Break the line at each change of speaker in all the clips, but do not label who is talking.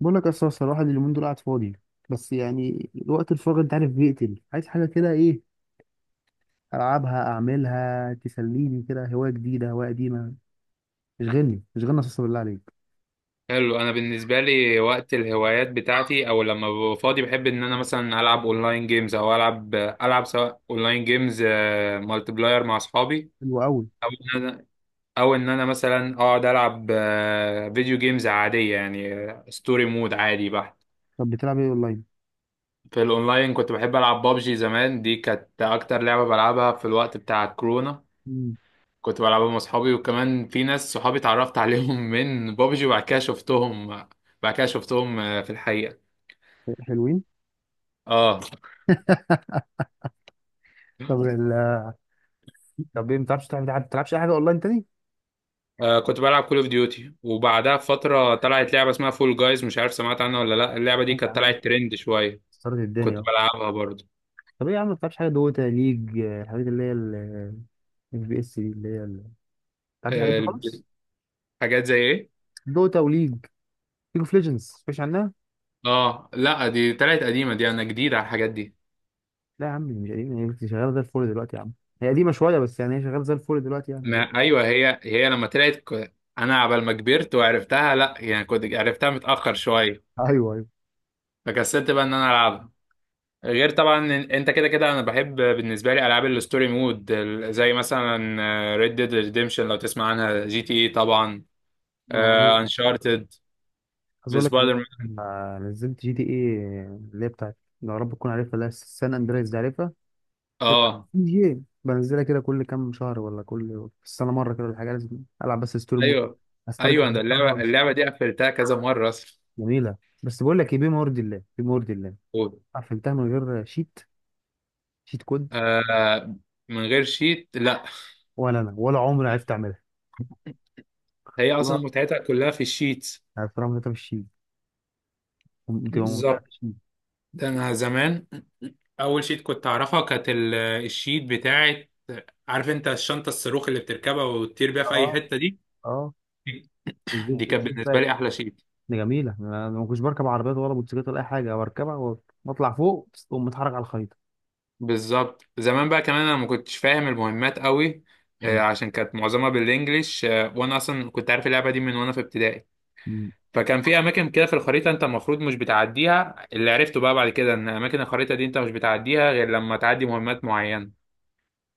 بقول لك أصل الواحد اليومين دول قاعد فاضي، بس يعني الوقت الفاضي انت عارف بيقتل. عايز حاجه كده ايه؟ العبها اعملها تسليني كده، هوايه جديده هوايه قديمه، اشغلني اساسا بالله عليك.
حلو. انا بالنسبه لي وقت الهوايات بتاعتي او لما ببقى فاضي بحب ان انا مثلا العب اونلاين جيمز، او العب سواء اونلاين جيمز مالتي بلاير مع اصحابي.
حلو قوي.
او ان انا او ان انا مثلا اقعد العب فيديو جيمز عاديه، يعني ستوري مود عادي بحت.
طب بتلعب ايه اونلاين؟
في الاونلاين كنت بحب العب بابجي زمان، دي كانت اكتر لعبه بلعبها في الوقت بتاع الكورونا.
امم
كنت بلعبها مع اصحابي، وكمان في ناس صحابي اتعرفت عليهم من بابجي. وبعد كده شفتهم بعد كده شفتهم في الحقيقه.
حلوين.
اه.
طب ال... طب ايه، ما بتعرفش تلعب؟ ما بتلعبش اي حاجه اونلاين تاني؟
كنت بلعب كول اوف ديوتي، وبعدها بفترة طلعت لعبة اسمها فول جايز، مش عارف سمعت عنها ولا لا. اللعبة دي
سمعت
كانت
عنها،
طلعت ترند شوية.
خسرت
كنت
الدنيا اهو.
بلعبها برضه.
طب ايه يا عم، ما بتلعبش حاجه؟ دوتا، ليج، الحاجات اللي هي ال اف بي اس، دي اللي هي ما بتلعبش الحاجات
آه
دي
الب-
خالص؟
حاجات زي ايه؟
دوتا، وليج اوف ليجندز، مش عنها؟
اه لا، دي طلعت قديمة، دي انا جديد على الحاجات دي.
لا يا عم مش قديمة، هي كنت شغالة زي الفل دلوقتي يا عم. هي قديمة شوية بس يعني هي شغالة زي الفل دلوقتي يعني
ما ايوه هي لما طلعت انا عبال ما كبرت وعرفتها، لا يعني كنت عرفتها متأخر شوية.
ايوه ايوه.
فكسلت بقى ان انا العبها. غير طبعا انت كده كده انا بحب بالنسبه لي العاب الستوري مود زي مثلا ريد ديد ريديمشن لو تسمع عنها، جي تي اي طبعا،
ما هو-
انشارتد،
عايز اقول لك
بسبايدر مان.
انا نزلت جي تي اي، اللي هي بتاعت، يا رب تكون عارفها، اللي هي سان اندريس دي، عارفها؟
اه.
جي اي بنزلها كده كل كام شهر، ولا كل، في السنة مرة كده، ولا حاجة. لازم العب بس ستوري مود،
ايوه،
استرجع
ايوه، انا
الذكريات
اللعبه
وامشي.
اللعبه دي قفلتها كذا مره اصلا.
جميلة. بس بقول لك ايه، بما يرضي الله بما يرضي الله،
و-
قفلتها من غير شيت، شيت كود.
آه. من غير شيت، لا.
ولا انا ولا عمري عرفت اعملها،
هي اصلا
والله
متعتها كلها في الشيت.
عرفت اعمل في الشيت، بتبقى ممتعة.
بالظبط. ده انا زمان اول شيت كنت اعرفها كانت الشيت بتاعت، عارف انت الشنطه الصاروخ اللي بتركبها وتطير بيها في
اه
اي حته دي.
اه،
دي
الجيت،
كانت
الجيت
بالنسبه
باك.
لي احلى شيء.
دي جميله، انا ما كنتش بركب عربيات ولا موتوسيكلات ولا اي حاجه، او اركبها واطلع فوق واقوم متحرك على الخريطه.
بالظبط. زمان بقى كمان انا ما كنتش فاهم المهمات قوي،
مم.
عشان كانت معظمها بالانجليش، وانا اصلا كنت عارف اللعبه دي من وانا في ابتدائي.
مم.
فكان في اماكن كده في الخريطه انت المفروض مش بتعديها. اللي عرفته بقى بعد كده ان اماكن الخريطه دي انت مش بتعديها غير لما تعدي مهمات معينه.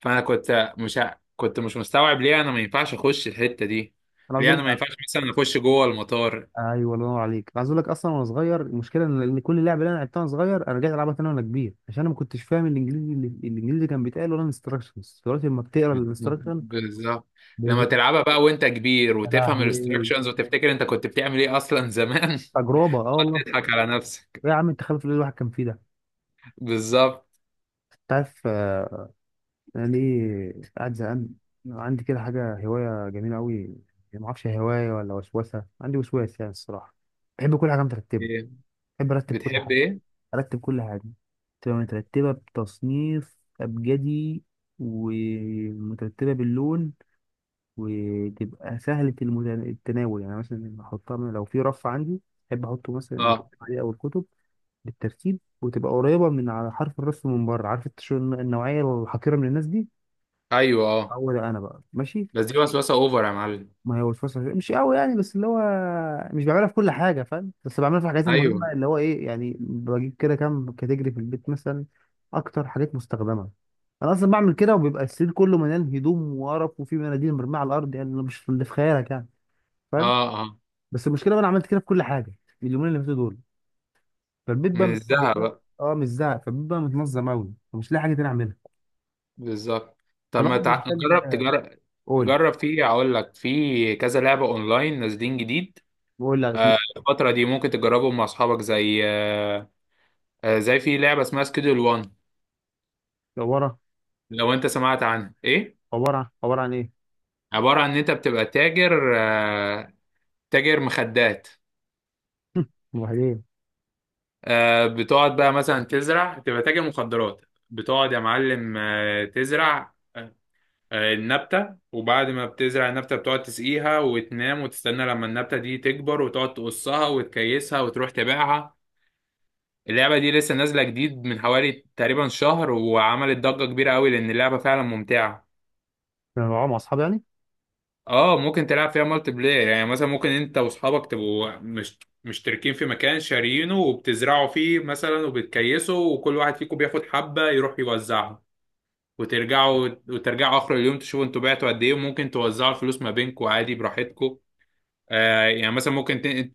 فانا كنت مش مستوعب ليه انا ما ينفعش اخش الحته دي،
انا عاوز
ليه
اقول
انا
لك
ما ينفعش مثلا اخش جوه المطار.
ايوه الله ينور عليك. انا عاوز اقول لك، اصلا وانا صغير المشكله ان كل لعبه اللي انا لعبتها وانا صغير، انا رجعت العبها تاني وانا كبير، عشان انا ما كنتش فاهم الانجليزي اللي اللي كان بيتقال، ولا الانستراكشنز. دلوقتي لما بتقرا الانستراكشن
بالظبط.
بقيت
لما
يا
تلعبها بقى وانت كبير وتفهم
لهوي،
الاستراكشنز وتفتكر انت كنت بتعمل ايه اصلا زمان.
تجربه اه والله.
تضحك على نفسك.
إيه يا عم التخلف اللي الواحد كان فيه ده!
بالظبط.
انت عارف انا ليه قاعد زهقان؟ عندي كده حاجه، هوايه جميله قوي، يعني ما اعرفش هي هوايه ولا وسوسه، عندي وسواس يعني الصراحه. بحب كل حاجه مترتبه،
ايه؟
بحب ارتب كل
بتحب
حاجه،
ايه؟
ارتب كل حاجه، تبقى مترتبه بتصنيف ابجدي ومترتبه باللون، وتبقى سهله التناول، يعني مثلا احطها لو في رف عندي بحب احطه مثلا
اه.
الألعاب او الكتب بالترتيب، وتبقى قريبه من على حرف الرف من بره. عارف النوعيه الحقيره من الناس دي؟
ايوه. اه.
هو ده، انا بقى ماشي.
بس دي وسوسه اوفر يا معلم.
ما هو الفصل مش قوي يعني، بس اللي هو مش بعملها في كل حاجه، فاهم؟ بس بعملها في الحاجات
ايوه.
المهمه، اللي هو ايه يعني، بجيب كده كام كاتيجري في البيت مثلا، اكتر حاجات مستخدمه. انا اصلا بعمل كده، وبيبقى السرير كله مليان هدوم وقرف، وفي مناديل مرميه على الارض، يعني مش اللي في خيالك يعني، فاهم.
اه، اه.
بس المشكله بقى انا عملت كده في كل حاجه اليومين اللي فاتوا دول، فالبيت بقى
من الذهب بقى.
اه مش زهق، فالبيت بقى متنظم قوي ومش لاقي حاجه تاني اعملها.
بالظبط. طب ما
فالواحد
تع...
محتاج
جرب
آه،
تجرب
قول.
جرب في اقول لك في كذا لعبه اونلاين نازلين جديد.
قول، لا اسمه؟
الفتره دي ممكن تجربهم مع اصحابك، زي آه آه، زي في لعبه اسمها سكيدول 1
عباره
لو انت سمعت عنها. ايه؟
عباره عن ايه؟
عباره عن ان انت بتبقى تاجر مخدات.
وبعدين؟
بتقعد بقى مثلا تزرع، تبقى تاجر مخدرات. بتقعد يا معلم، تزرع النبتة، وبعد ما بتزرع النبتة بتقعد تسقيها وتنام وتستنى لما النبتة دي تكبر، وتقعد تقصها وتكيسها وتروح تبيعها. اللعبة دي لسه نازلة جديد من حوالي تقريبا شهر، وعملت ضجة كبيرة قوي لأن اللعبة فعلا ممتعة.
انا بلعبها مع اصحابي يعني.
اه، ممكن تلعب فيها مالتي بلاير، يعني مثلا ممكن انت واصحابك تبقوا مش مشتركين في مكان شارينه وبتزرعوا فيه مثلا وبتكيسوا، وكل واحد فيكم بياخد حبة يروح يوزعها. وترجعوا اخر اليوم تشوفوا انتوا بعتوا قد ايه، وممكن توزعوا الفلوس ما بينكم عادي براحتكم. يعني مثلا.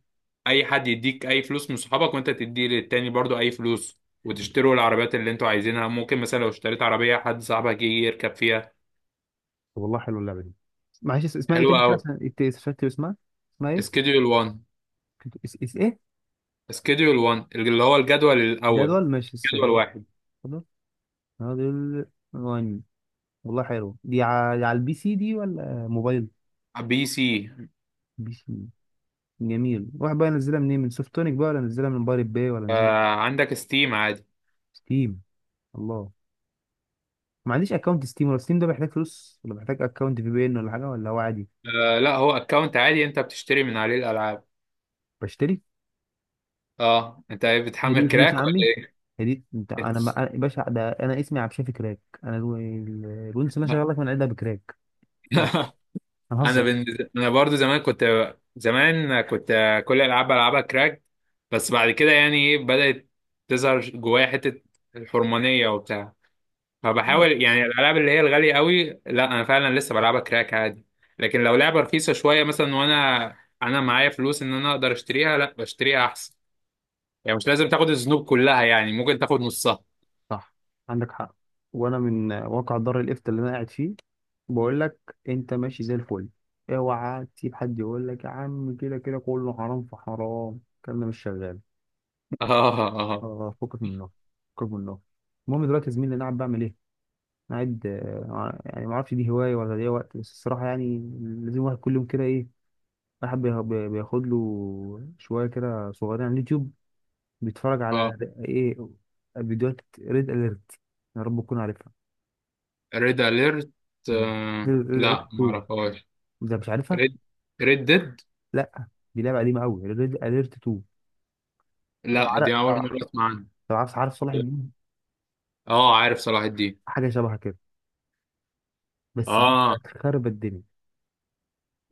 اي حد يديك اي فلوس من صحابك، وانت تدي للتاني برضو اي فلوس، وتشتروا العربيات اللي انتوا عايزينها. ممكن مثلا لو اشتريت عربية حد صاحبك يجي يركب فيها.
طب والله حلوه اللعبه دي، معلش اسمها ايه تاني
حلوة
كده،
قوي.
عشان استفدت اسمها. اسمها ايه؟
سكيدول 1.
كنت اس اس ايه؟
سكيدول 1 اللي هو الجدول الاول.
جدول ماشي
جدول واحد.
جدول، جدول وان. والله حلو. دي على، على البي سي دي ولا موبايل؟
بي سي.
بي سي. جميل، واحد بقى ينزلها منين، من سوفتونيك بقى ولا ينزلها من بايرت باي، ولا ينزلها؟
عندك ستيم عادي.
ستيم، الله. ما عنديش اكونت ستيم، ولا ستيم ده بيحتاج فلوس، ولا بيحتاج اكونت في بي ان ولا حاجه، ولا هو عادي؟
لا، هو اكونت عادي، انت بتشتري من عليه الالعاب.
بشتري.
اه، انت
هي دي
بتحمل
فلوس يا
كراك ولا
عمي،
ايه؟
هي دي، انت انا ما... أنا- يا باشا ده انا اسمي عبد الشافي كراك، انا الونس اللي انا شغال لك من عندها بكراك. ايه يا عم انا
انا
هزر.
بن... انا برضو زمان كنت كل العاب بلعبها كراك. بس بعد كده يعني ايه، بدأت تظهر جوايا حتة الحرمانية وبتاع.
اه
فبحاول يعني، الالعاب اللي هي الغاليه قوي لا، انا فعلا لسه بلعبها كراك عادي. لكن لو لعبه رخيصه شويه مثلا، وانا معايا فلوس ان انا اقدر اشتريها، لا بشتريها احسن. يعني مش لازم تاخد الذنوب كلها، يعني ممكن تاخد نصها.
صح، عندك حق. وانا من واقع دار الافتاء اللي انا قاعد فيه، بقول لك انت ماشي زي الفل، اوعى تسيب حد يقول لك يا عم كده كده كله حرام في حرام، الكلام ده مش شغال.
اه،
اه
اه،
فكك منه، فكك منه. المهم دلوقتي يا زميلي، انا قاعد بعمل ايه؟ أنا قاعد يعني ما اعرفش دي هوايه ولا دي وقت، بس الصراحه يعني لازم واحد كل يوم كده ايه، بياخد له شوية كده صغيرين على اليوتيوب، بيتفرج
اه.
على ايه، فيديوهات ريد اليرت، يا رب تكون عارفها.
ريد اليرت.
مم. ريد اليرت
لا، ما
2،
اعرفهاش.
ده مش عارفها؟
ريد ريد ديد.
لا دي لعبة قديمة قوي، ريد اليرت 2. طب
لا،
عارف
دي اول
طب
مره اسمع عنها.
طب عارف، عارف صلاح الدين؟
اه، عارف صلاح الدين.
حاجة شبه كده، بس دي
اه.
كانت خربت الدنيا.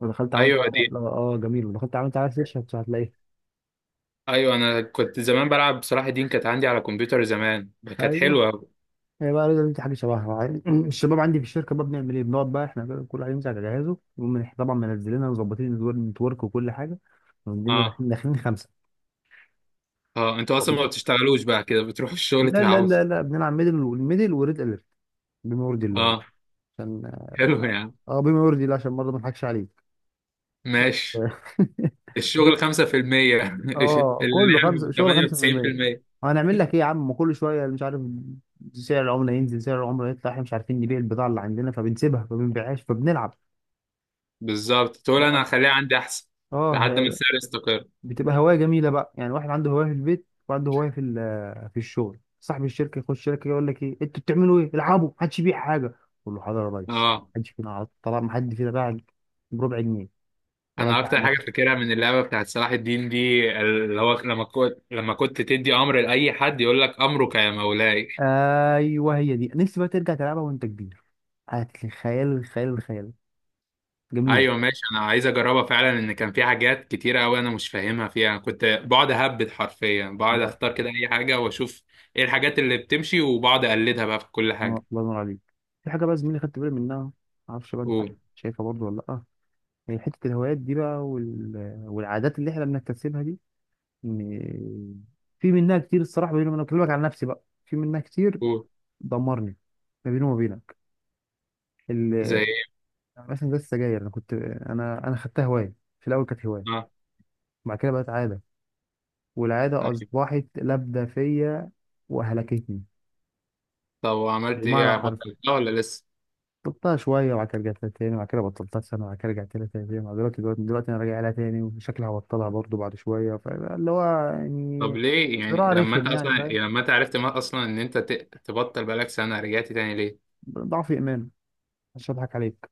لو دخلت عملت
ايوه
على
دي.
اه جميل، لو دخلت عملت على سيرش هتلاقيها.
ايوه، انا كنت زمان بلعب صلاح الدين، كانت عندي على كمبيوتر زمان. كانت
ايوه،
حلوه.
هي بقى رضا دي حاجه شبهها، الشباب عندي في الشركه بقى بنعمل ايه، بنقعد بقى احنا كده كل واحد يمسك على جهازه، طبعا منزلينها ومظبطين النتورك وكل حاجه، ونقوم
اه.
داخلين خمسه.
اه، انتوا اصلا ما بتشتغلوش بقى كده، بتروحوا الشغل
لا لا
تلعبوا؟
لا لا بنلعب ميدل، والميدل وريد اليرت، بما يرضي الله يعني،
اه.
عشان
حلو يا عم.
اه بما يرضي الله، عشان برضه ما نضحكش عليك.
ماشي. الشغل 5%.
اه كله خمسه،
اللعب
شغل 5%.
98%.
هنعمل لك ايه يا عم، كل شويه مش عارف سعر العمله ينزل سعر العمله يطلع، احنا مش عارفين نبيع البضاعه اللي عندنا فبنسيبها، فما بنبيعهاش فبنلعب.
بالظبط، تقول انا
اه
هخليها عندي احسن
اه،
لحد ما السعر يستقر.
بتبقى هوايه جميله بقى، يعني واحد عنده هوايه في البيت، وعنده هوايه في في الشغل. صاحب الشركه يخش الشركه يقول لك ايه انتوا بتعملوا ايه، العبوا، محدش يبيع حاجه. اقول له حاضر يا ريس،
اه.
محدش فينا عرض طبعا، محد فينا باع بربع جنيه. ولا
انا
انت عن
اكتر حاجه
نفسك؟
فاكرها من اللعبه بتاعت صلاح الدين دي اللي هو لما كنت تدي امر لاي حد يقول لك امرك يا مولاي.
ايوه، هي دي نفسي بقى ترجع تلعبها وانت كبير، هتخيل الخيال، الخيال جميله.
ايوه ماشي، انا عايز اجربها فعلا. ان كان في حاجات كتيره قوي انا مش فاهمها فيها، أنا كنت بقعد اهبد حرفيا، بقعد
لا
اختار كده اي حاجه واشوف ايه الحاجات اللي بتمشي، وبقعد اقلدها بقى في كل
اه
حاجه.
الله ينور عليك. في حاجه بقى زميلي خدت بالي منها، معرفش بقى انت
قول.
شايفها برضو ولا لا، هي حته الهوايات دي بقى والعادات اللي احنا بنكتسبها دي، م- في منها كتير الصراحه، بيني وبينك بكلمك عن نفسي بقى، في منها كتير
قول.
دمرني، ما بيني وما بينك
زي
ال-
ايه؟
مثلا زي السجاير. انا كنت انا خدتها هوايه، في الاول كانت هوايه
اه.
بعد كده بقت عاده، والعاده
طيب.
اصبحت لابده فيا، وهلكتني
طب وعملت
بالمعنى
ايه،
الحرفي.
بطلتها ولا لسه؟
بطلتها شويه وبعد كده رجعت لها تاني، وبعد كده بطلتها سنه وبعد كده رجعت لها تاني، وبعد دلوقتي انا راجع لها تاني، وشكلي هبطلها برضو بعد شويه، فاللي هو
طب
يعني
ليه يعني،
صراع
لما انت
رخم
اصلا
يعني فاهم،
يعني لما انت عرفت ما اصلا ان انت تبطل بقالك سنه رجعت تاني ليه؟
ضعف ايمان مش هضحك عليك.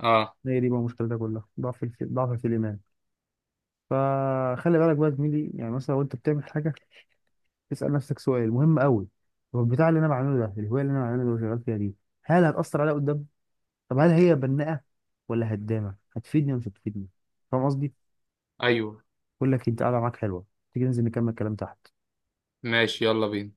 اه،
هي دي بقى المشكله، ده كلها ضعف في ضعف في الايمان. فخلي بالك بقى يا زميلي، يعني مثلا وانت بتعمل حاجه اسال نفسك سؤال مهم قوي، هو البتاع اللي انا بعمله ده، الهوايه اللي انا بعمله اللي شغال فيها دي، هل هتاثر عليا قدام؟ طب هل هي بناءه ولا هدامه؟ هتفيدني ولا مش هتفيدني؟ فاهم قصدي؟
ايوه
بقول لك انت قاعده معاك حلوه، تيجي ننزل نكمل كلام تحت.
ماشي يلا بينا.